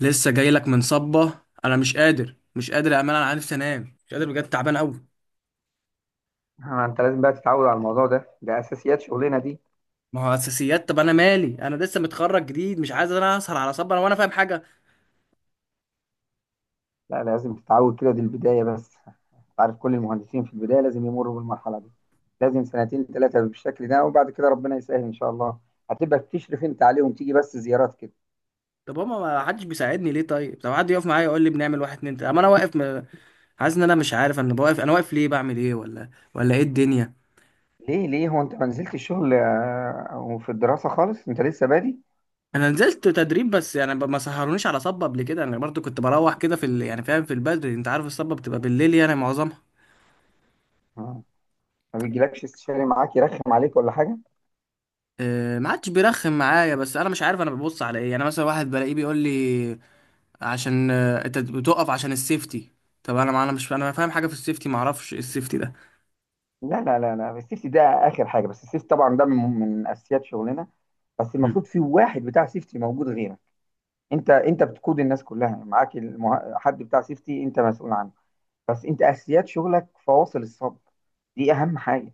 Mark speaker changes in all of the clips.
Speaker 1: لسه جاي لك من صبة. انا مش قادر مش قادر يا امال، انا عارف انام، مش قادر بجد، تعبان قوي.
Speaker 2: ما انت لازم بقى تتعود على الموضوع ده. ده اساسيات شغلنا دي.
Speaker 1: ما هو اساسيات، طب انا مالي، انا لسه متخرج جديد مش عايز انا اسهر على صبة انا وانا فاهم حاجه.
Speaker 2: لا، لازم تتعود كده. دي البدايه بس. انت عارف كل المهندسين في البدايه لازم يمروا بالمرحله دي. لازم سنتين ثلاثه بالشكل ده، وبعد كده ربنا يسهل ان شاء الله. هتبقى بتشرف انت عليهم، تيجي بس زيارات كده.
Speaker 1: طب هما ما حدش بيساعدني ليه؟ طيب طب حد يقف معايا يقول لي بنعمل واحد اتنين تلاته، اما انا واقف حاسس ان انا مش عارف، انا واقف، انا واقف ليه؟ بعمل ايه؟ ولا ايه الدنيا؟
Speaker 2: ليه؟ هو انت ما نزلت الشغل وفي الدراسه خالص؟ انت لسه بادي.
Speaker 1: انا نزلت تدريب بس يعني ما سهرونيش على صبة قبل كده، انا برضو كنت بروح كده في يعني فاهم، في البدري، انت عارف الصبة بتبقى بالليل يعني معظمها.
Speaker 2: آه. ما بيجيلكش استشاري معاك يرخم عليك ولا حاجه؟
Speaker 1: ما عادش بيرخم معايا، بس انا مش عارف انا ببص على ايه. يعني مثلا واحد بلاقيه بيقول لي: عشان انت بتقف عشان السيفتي. طب انا ما انا مش انا فاهم حاجه في السيفتي، ما اعرفش ايه السيفتي ده.
Speaker 2: لا لا لا لا، السيفتي ده اخر حاجه. بس السيفتي طبعا ده من اساسيات شغلنا. بس
Speaker 1: مم.
Speaker 2: المفروض في واحد بتاع سيفتي موجود غيرك. انت بتقود الناس كلها، يعني معاك حد بتاع سيفتي انت مسؤول عنه. بس انت اساسيات شغلك فواصل الصب. دي اهم حاجه.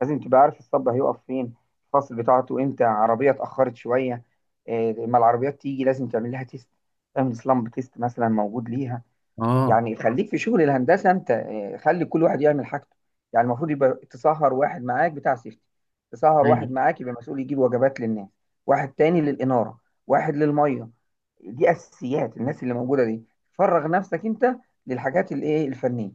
Speaker 2: لازم تبقى عارف الصب هيقف فين. الفاصل بتاعته امتى، عربيه اتاخرت شويه. لما العربيات تيجي لازم تعمل لها تيست. تعمل سلامب تيست مثلا موجود ليها.
Speaker 1: اه.
Speaker 2: يعني خليك في شغل الهندسه انت، خلي كل واحد يعمل حاجته. يعني المفروض يبقى تسهر واحد معاك بتاع سيفتي. تسهر
Speaker 1: أيوة.
Speaker 2: واحد معاك يبقى مسؤول يجيب وجبات للناس. واحد تاني للاناره. واحد للميه. دي اساسيات الناس اللي موجوده دي. فرغ نفسك انت للحاجات الايه الفنيه.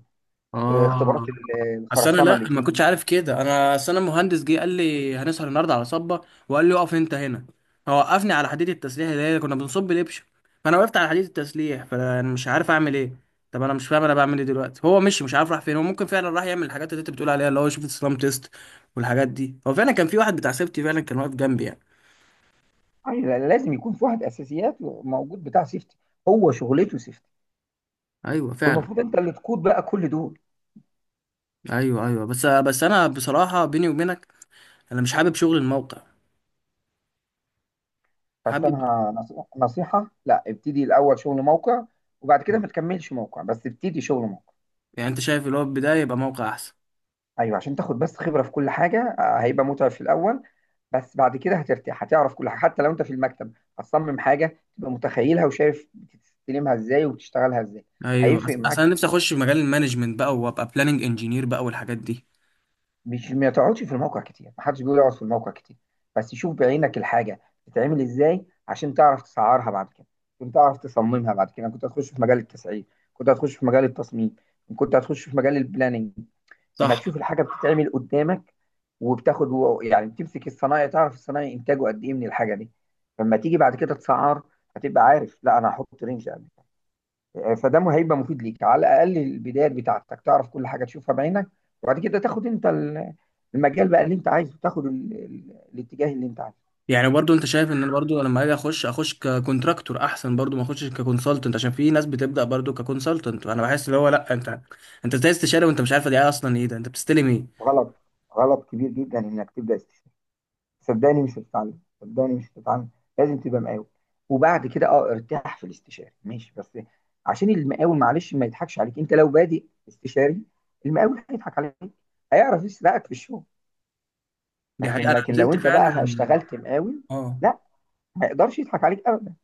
Speaker 2: اختبارات
Speaker 1: اه. اصل انا
Speaker 2: الخرسانه اللي
Speaker 1: لا ما كنتش
Speaker 2: تيجي.
Speaker 1: عارف كده. انا اصل انا مهندس جه قال لي هنسهر النهارده على صبه، وقال لي اقف انت هنا، فوقفني على حديد التسليح اللي هي كنا بنصب الابشه. فانا وقفت على حديد التسليح، فانا يعني مش عارف اعمل ايه. طب انا مش فاهم انا بعمل ايه دلوقتي؟ هو مش عارف راح فين. هو ممكن فعلا راح يعمل الحاجات اللي انت بتقول عليها، اللي هو يشوف السلام تيست والحاجات دي. هو فعلا كان في واحد بتاع سيفتي، فعلا كان واقف جنبي يعني.
Speaker 2: يعني لازم يكون في واحد اساسيات موجود بتاع سيفتي. هو شغلته سيفتي.
Speaker 1: ايوه فعلا.
Speaker 2: والمفروض انت اللي تقود بقى كل دول.
Speaker 1: ايوه ايوه، بس بس انا بصراحه بيني وبينك انا مش حابب شغل الموقع.
Speaker 2: بس
Speaker 1: حابب.
Speaker 2: انا نصيحه، لا، ابتدي الاول شغل موقع. وبعد كده ما تكملش موقع، بس ابتدي شغل موقع.
Speaker 1: يعني انت شايف اللي هو البدايه يبقى موقع احسن؟
Speaker 2: ايوه، عشان تاخد بس خبره في كل حاجه. هيبقى متعب في الاول. بس بعد كده هترتاح، هتعرف كل حاجه حتى لو انت في المكتب. هتصمم حاجه تبقى متخيلها وشايف بتستلمها ازاي وبتشتغلها ازاي.
Speaker 1: ايوه.
Speaker 2: هيفرق
Speaker 1: اصل
Speaker 2: معاك
Speaker 1: انا نفسي
Speaker 2: كتير.
Speaker 1: اخش في مجال المانجمنت بقى وابقى بلاننج انجينير بقى والحاجات دي.
Speaker 2: مش ما تقعدش في الموقع كتير، محدش بيقول يقعد في الموقع كتير. بس شوف بعينك الحاجه بتتعمل ازاي، عشان تعرف تسعرها بعد كده. كنت تعرف تصممها بعد كده كنت هتخش في مجال التسعير. كنت هتخش في مجال التصميم. كنت هتخش في مجال البلاننج. لما
Speaker 1: صح.
Speaker 2: تشوف الحاجه بتتعمل قدامك وبتاخد يعني بتمسك الصنايعي، تعرف الصنايعي انتاجه قد ايه من الحاجه دي. فلما تيجي بعد كده تسعر، هتبقى عارف لا انا هحط رينج. فده هيبقى مفيد ليك، على الاقل البدايات بتاعتك تعرف كل حاجه تشوفها بعينك. وبعد كده تاخد انت المجال بقى اللي انت عايزه، تاخد الاتجاه اللي انت عايزه.
Speaker 1: يعني برضو انت شايف ان انا برضو لما اجي اخش اخش ككونتراكتور احسن؟ برضو ما اخشش ككونسلتنت عشان في ناس بتبدا برضو ككونسلتنت. انا بحس اللي هو لا، انت انت ازاي استشاره وانت مش عارفه دي اصلا ايه؟ ده انت بتستلم ايه؟
Speaker 2: غلط. غلط كبير جدا انك تبدا استشفاء. صدقني مش هتتعلم. صدقني مش هتتعلم. لازم تبقى مقاول. وبعد كده ارتاح في الاستشاري ماشي، بس عشان المقاول معلش ما يضحكش عليك انت لو بادئ استشاري. المقاول هيضحك عليك. هيعرف يسرقك في الشغل.
Speaker 1: دي حقيقه،
Speaker 2: لكن
Speaker 1: انا
Speaker 2: لكن لو
Speaker 1: نزلت
Speaker 2: انت بقى
Speaker 1: فعلا.
Speaker 2: اشتغلت مقاول.
Speaker 1: اه.
Speaker 2: لا، ما يقدرش يضحك عليك ابدا.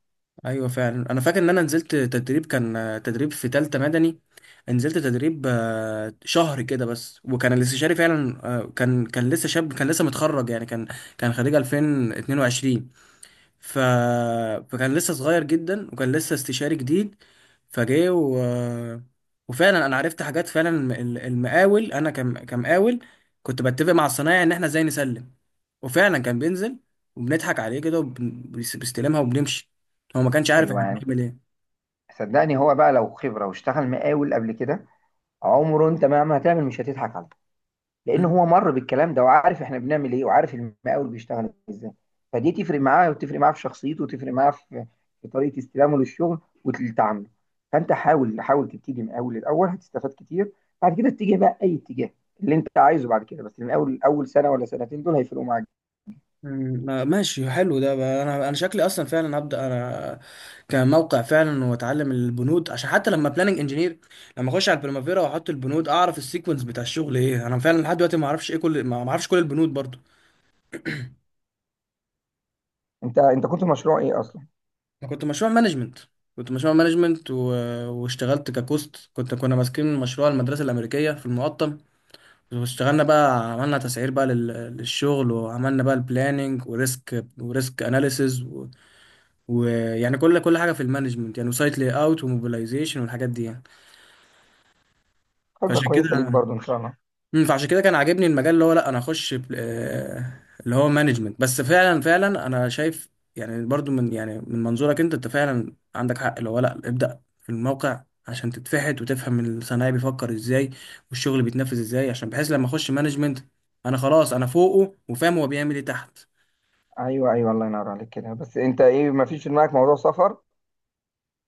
Speaker 1: ايوه فعلا، انا فاكر ان انا نزلت تدريب كان تدريب في تالتة مدني، نزلت تدريب شهر كده بس، وكان الاستشاري فعلا كان لسه شاب، كان لسه متخرج يعني، كان كان خريج 2022. ف... فكان لسه صغير جدا وكان لسه استشاري جديد. فجاي و... وفعلا انا عرفت حاجات فعلا. المقاول، انا كمقاول كنت بتفق مع الصنايعي ان احنا ازاي نسلم، وفعلا كان بينزل وبنضحك عليه كده، بيستلمها وبنمشي، هو ما كانش عارف احنا
Speaker 2: ايوه
Speaker 1: بنعمل ايه.
Speaker 2: صدقني هو بقى لو خبره واشتغل مقاول قبل كده، عمره انت مهما هتعمل مش هتضحك عليه. لان هو مر بالكلام ده وعارف احنا بنعمل ايه وعارف المقاول بيشتغل ازاي. فدي تفرق معاه وتفرق معاه في شخصيته وتفرق معاه في طريقه استلامه للشغل وتعامله. فانت حاول حاول تبتدي مقاول الاول، هتستفاد كتير. بعد كده اتجه بقى اي اتجاه اللي انت عايزه بعد كده. بس المقاول اول سنه ولا سنتين دول هيفرقوا معاك.
Speaker 1: ماشي، حلو ده بقى. انا شكلي اصلا فعلا هبدا انا كموقع فعلا، واتعلم البنود، عشان حتى لما بلاننج انجينير، لما اخش على البريمافيرا واحط البنود اعرف السيكونس بتاع الشغل ايه. انا فعلا لحد دلوقتي ما اعرفش ايه كل ما اعرفش كل البنود برضو.
Speaker 2: انت كنت مشروع ايه اصلا؟
Speaker 1: انا كنت مشروع مانجمنت، كنت مشروع مانجمنت واشتغلت ككوست. كنت كنا ماسكين مشروع المدرسه الامريكيه في المقطم، واشتغلنا بقى، عملنا تسعير بقى للشغل، وعملنا بقى البلاننج وريسك وريسك اناليسز. ويعني كل حاجه في المانجمنت يعني، وسايت لاي اوت وموبيلايزيشن والحاجات دي يعني.
Speaker 2: خبره
Speaker 1: فعشان كده،
Speaker 2: كويسه ليك برضو ان شاء الله.
Speaker 1: فعشان كده كان عاجبني المجال اللي هو لا، انا اخش اللي هو مانجمنت بس. فعلا فعلا انا شايف يعني، برضو من يعني من منظورك انت، انت فعلا عندك حق اللي هو لا، ابدا في الموقع عشان تتفحت وتفهم الصنايعي بيفكر ازاي والشغل بيتنفذ ازاي، عشان بحيث لما اخش مانجمنت انا خلاص انا فوقه وفاهم هو بيعمل ايه تحت.
Speaker 2: ايوه، ايوه، الله ينور عليك كده. بس انت ايه، ما فيش في دماغك موضوع سفر؟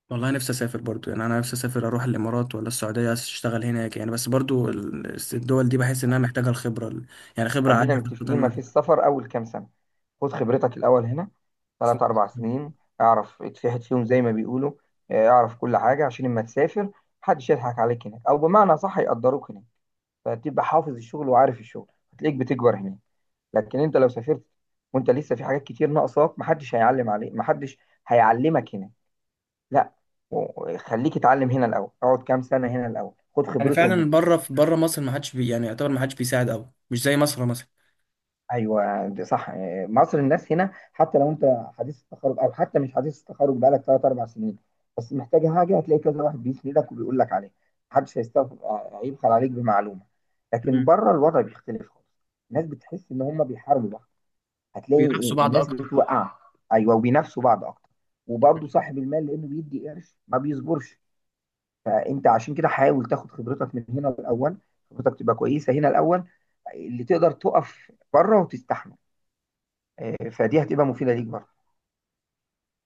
Speaker 1: والله نفسي اسافر برضو. يعني انا نفسي اسافر اروح الامارات ولا السعوديه اشتغل هناك يعني، بس برضو الدول دي بحس انها محتاجه يعني خبره
Speaker 2: خلينا
Speaker 1: عاليه خاصه
Speaker 2: متفقين، ما
Speaker 1: مدى.
Speaker 2: فيش سفر اول كام سنه. خد خبرتك الاول هنا. 3-4 سنين. اعرف اتفحت فيهم زي ما بيقولوا. اه، اعرف كل حاجه عشان لما تسافر محدش يضحك عليك هناك، او بمعنى صح يقدروك هناك. فتبقى حافظ الشغل وعارف الشغل. هتلاقيك بتكبر هناك. لكن انت لو سافرت وانت لسه في حاجات كتير ناقصاك، محدش هيعلم عليك، محدش هيعلمك هناك. لا. خليك اتعلم هنا الاول، اقعد كام سنه هنا الاول، خد
Speaker 1: يعني
Speaker 2: خبرتهم هنا.
Speaker 1: فعلا بره، في بره مصر ما حدش بي، يعني يعتبر ما حدش بيساعد قوي مش زي مصر مثلا.
Speaker 2: ايوه ده صح. مصر الناس هنا حتى لو انت حديث التخرج او حتى مش حديث التخرج بقالك 3-4 سنين، بس محتاج حاجه هتلاقي كذا واحد بيسندك وبيقول لك عليها. محدش هيستغفر، هيبخل عليك بمعلومه. لكن
Speaker 1: مم.
Speaker 2: بره الوضع بيختلف خالص. الناس بتحس ان هم بيحاربوا بعض. هتلاقي
Speaker 1: بينافسوا بعض
Speaker 2: الناس
Speaker 1: اكتر.
Speaker 2: بتوقع. ايوه، وبينافسوا بعض اكتر. وبرضه صاحب المال لانه بيدي قرش ما بيصبرش. فانت عشان كده حاول تاخد خبرتك من هنا الاول، خبرتك تبقى كويسه هنا الاول، اللي تقدر تقف بره وتستحمل. فدي هتبقى مفيدة ليك برضه.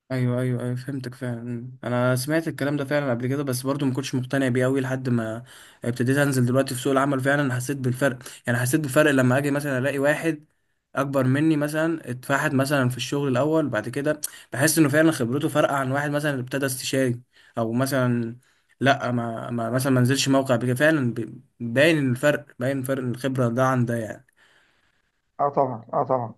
Speaker 1: ايوه ايوه ايوه، فهمتك فعلا. انا سمعت الكلام ده فعلا قبل كده بس برضو ما كنتش مقتنع بيه قوي، لحد ما ابتديت انزل دلوقتي في سوق العمل فعلا حسيت بالفرق. يعني حسيت بفرق لما اجي مثلا الاقي واحد اكبر مني مثلا اتفحت مثلا في الشغل الاول، بعد كده بحس انه فعلا خبرته فرق عن واحد مثلا ابتدى استشاري، او مثلا لا ما مثلا ما نزلش موقع. بكده فعلا باين الفرق، باين فرق الخبرة ده عن ده يعني.
Speaker 2: اه طبعا، اه طبعا.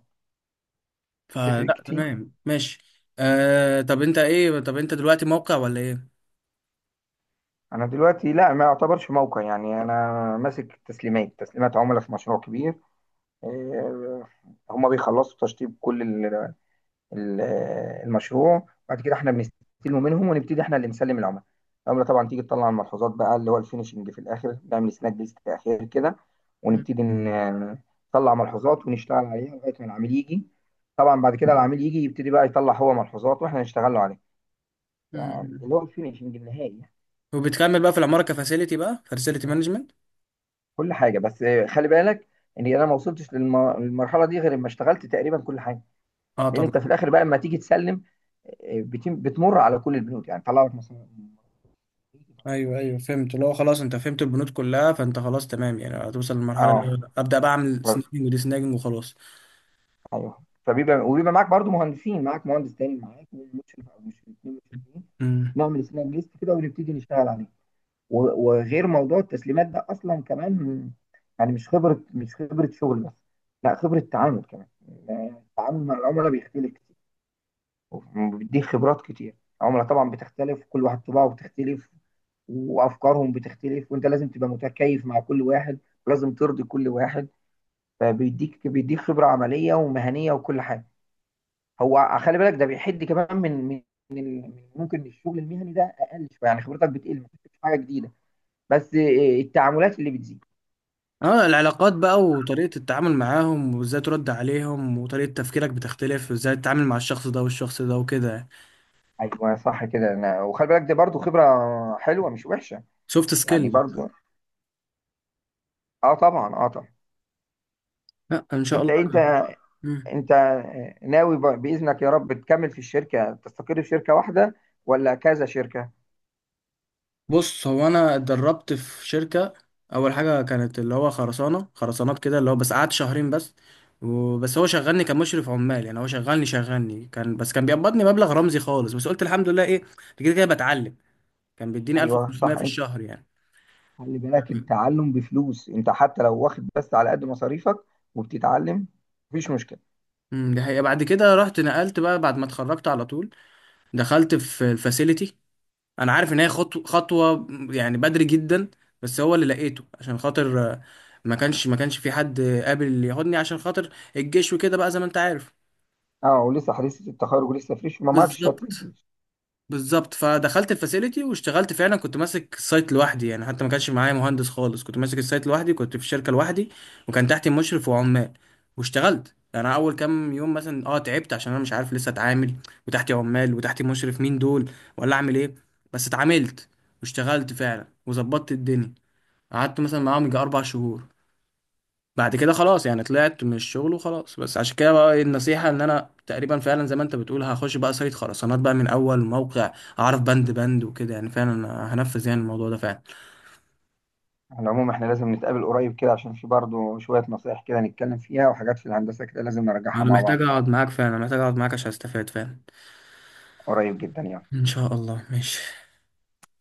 Speaker 2: تفرق
Speaker 1: فلا
Speaker 2: كتير.
Speaker 1: تمام، ماشي. آه، طب انت ايه؟ طب انت دلوقتي موقع ولا ايه؟
Speaker 2: انا دلوقتي، لا، ما يعتبرش موقع، يعني انا ماسك تسليمات عملاء في مشروع كبير. آه، هما بيخلصوا تشطيب كل ال- المشروع بعد كده احنا بنستلمه منهم ونبتدي احنا اللي نسلم العملاء. العملاء طبعا تيجي تطلع الملحوظات بقى، اللي هو الفينشنج في الاخر نعمل سناك ليست في الاخر كده. ونبتدي نطلع ملحوظات ونشتغل عليها لغايه ما العميل يجي. طبعا بعد كده العميل يجي يبتدي بقى يطلع هو ملحوظات واحنا نشتغل له عليها.
Speaker 1: مم.
Speaker 2: اللي هو الفينشنج النهائي.
Speaker 1: وبتكمل بقى في العمارة كفاسيلتي بقى، فاسيلتي مانجمنت.
Speaker 2: كل حاجه. بس خلي بالك ان انا ما وصلتش للمرحله دي غير لما اشتغلت تقريبا كل حاجه.
Speaker 1: اه
Speaker 2: لان انت في
Speaker 1: طبعا.
Speaker 2: الاخر بقى لما تيجي تسلم، بتمر على كل البنود يعني طلع لك مثلا.
Speaker 1: ايوه ايوه فهمت، اللي هو خلاص انت فهمت البنود كلها، فانت خلاص تمام يعني، هتوصل للمرحلة
Speaker 2: اه،
Speaker 1: اللي ابدا بقى اعمل
Speaker 2: برضه.
Speaker 1: سناجنج ودي سناجنج وخلاص.
Speaker 2: ايوه، وبيبقى معاك برضو مهندسين، معاك مهندس تاني معاك ومشرف، او مش الاثنين مشرفين.
Speaker 1: مم.
Speaker 2: نعمل سناب ليست كده ونبتدي نشتغل عليه. وغير موضوع التسليمات ده اصلا كمان. يعني مش خبره شغل بس. لا، خبره تعامل كمان. التعامل مع العملاء بيختلف كتير، وبيديك خبرات كتير. العملاء طبعا بتختلف، كل واحد طباعه بتختلف، وافكارهم بتختلف، وانت لازم تبقى متكيف مع كل واحد. لازم ترضي كل واحد. فبيديك خبره عمليه ومهنيه وكل حاجه. هو خلي بالك ده بيحد كمان ممكن الشغل المهني ده اقل شويه، يعني خبرتك بتقل، ما بتكتسبش حاجه جديده. بس التعاملات اللي بتزيد.
Speaker 1: اه، العلاقات بقى وطريقة التعامل معاهم وازاي ترد عليهم، وطريقة تفكيرك بتختلف وازاي تتعامل مع الشخص ده والشخص ده وكده.
Speaker 2: ايوه صح كده انا، وخلي بالك دي برضو خبره حلوه مش وحشه.
Speaker 1: سوفت
Speaker 2: يعني
Speaker 1: سكيل.
Speaker 2: برضو. اه طبعا، اه طبعا.
Speaker 1: لا ان شاء
Speaker 2: انت
Speaker 1: الله.
Speaker 2: انت انت ناوي باذنك يا رب تكمل في الشركه، تستقر في شركه واحده، ولا كذا شركه؟
Speaker 1: بص، هو انا اتدربت في شركه اول حاجه، كانت اللي هو خرسانه، خرسانات كده، اللي هو بس قعدت شهرين بس. وبس هو شغلني كمشرف عمال يعني. هو شغلني كان بس كان بيقبضني مبلغ رمزي خالص، بس قلت الحمد لله ايه، كده كده بتعلم. كان بيديني
Speaker 2: ايوه
Speaker 1: 1500
Speaker 2: صح.
Speaker 1: في
Speaker 2: انت
Speaker 1: الشهر يعني.
Speaker 2: خلي بالك التعلم بفلوس، انت حتى لو واخد بس على قد مصاريفك وبتتعلم مفيش مشكله.
Speaker 1: امم، دي حقيقه. بعد كده رحت نقلت بقى، بعد ما اتخرجت على طول دخلت في الفاسيلتي. انا عارف ان هي خطوه خطوه يعني بدري جدا، بس هو اللي لقيته عشان خاطر ما كانش في حد قابل ياخدني عشان خاطر الجيش وكده بقى زي ما انت عارف.
Speaker 2: اه، ولسه حديث التخرج، ولسه فريش، ما معكش شهاده.
Speaker 1: بالظبط، بالظبط. فدخلت الفاسيلتي واشتغلت فعلا، كنت ماسك السايت لوحدي يعني، حتى ما كانش معايا مهندس خالص، كنت ماسك السايت لوحدي، كنت في الشركه لوحدي، وكان تحتي مشرف وعمال. واشتغلت يعني. انا اول كام يوم مثلا اه تعبت عشان انا مش عارف لسه اتعامل، وتحتي عمال وتحتي مشرف، مين دول ولا اعمل ايه. بس اتعاملت واشتغلت فعلا وظبطت الدنيا. قعدت مثلا معاهم يجي 4 شهور، بعد كده خلاص يعني طلعت من الشغل وخلاص. بس عشان كده بقى إيه النصيحة، ان انا تقريبا فعلا زي ما انت بتقول هخش بقى سايت خرسانات بقى من اول موقع، اعرف بند بند وكده يعني. فعلا أنا هنفذ يعني الموضوع ده فعلا.
Speaker 2: على العموم احنا لازم نتقابل قريب كده، عشان في برضه شوية نصايح كده نتكلم فيها، وحاجات في الهندسة كده لازم نرجعها
Speaker 1: انا
Speaker 2: مع
Speaker 1: محتاج
Speaker 2: بعض.
Speaker 1: اقعد معاك فعلا، محتاج اقعد معاك عشان استفاد فعلا.
Speaker 2: قريب جدا يعني.
Speaker 1: ان شاء الله، ماشي.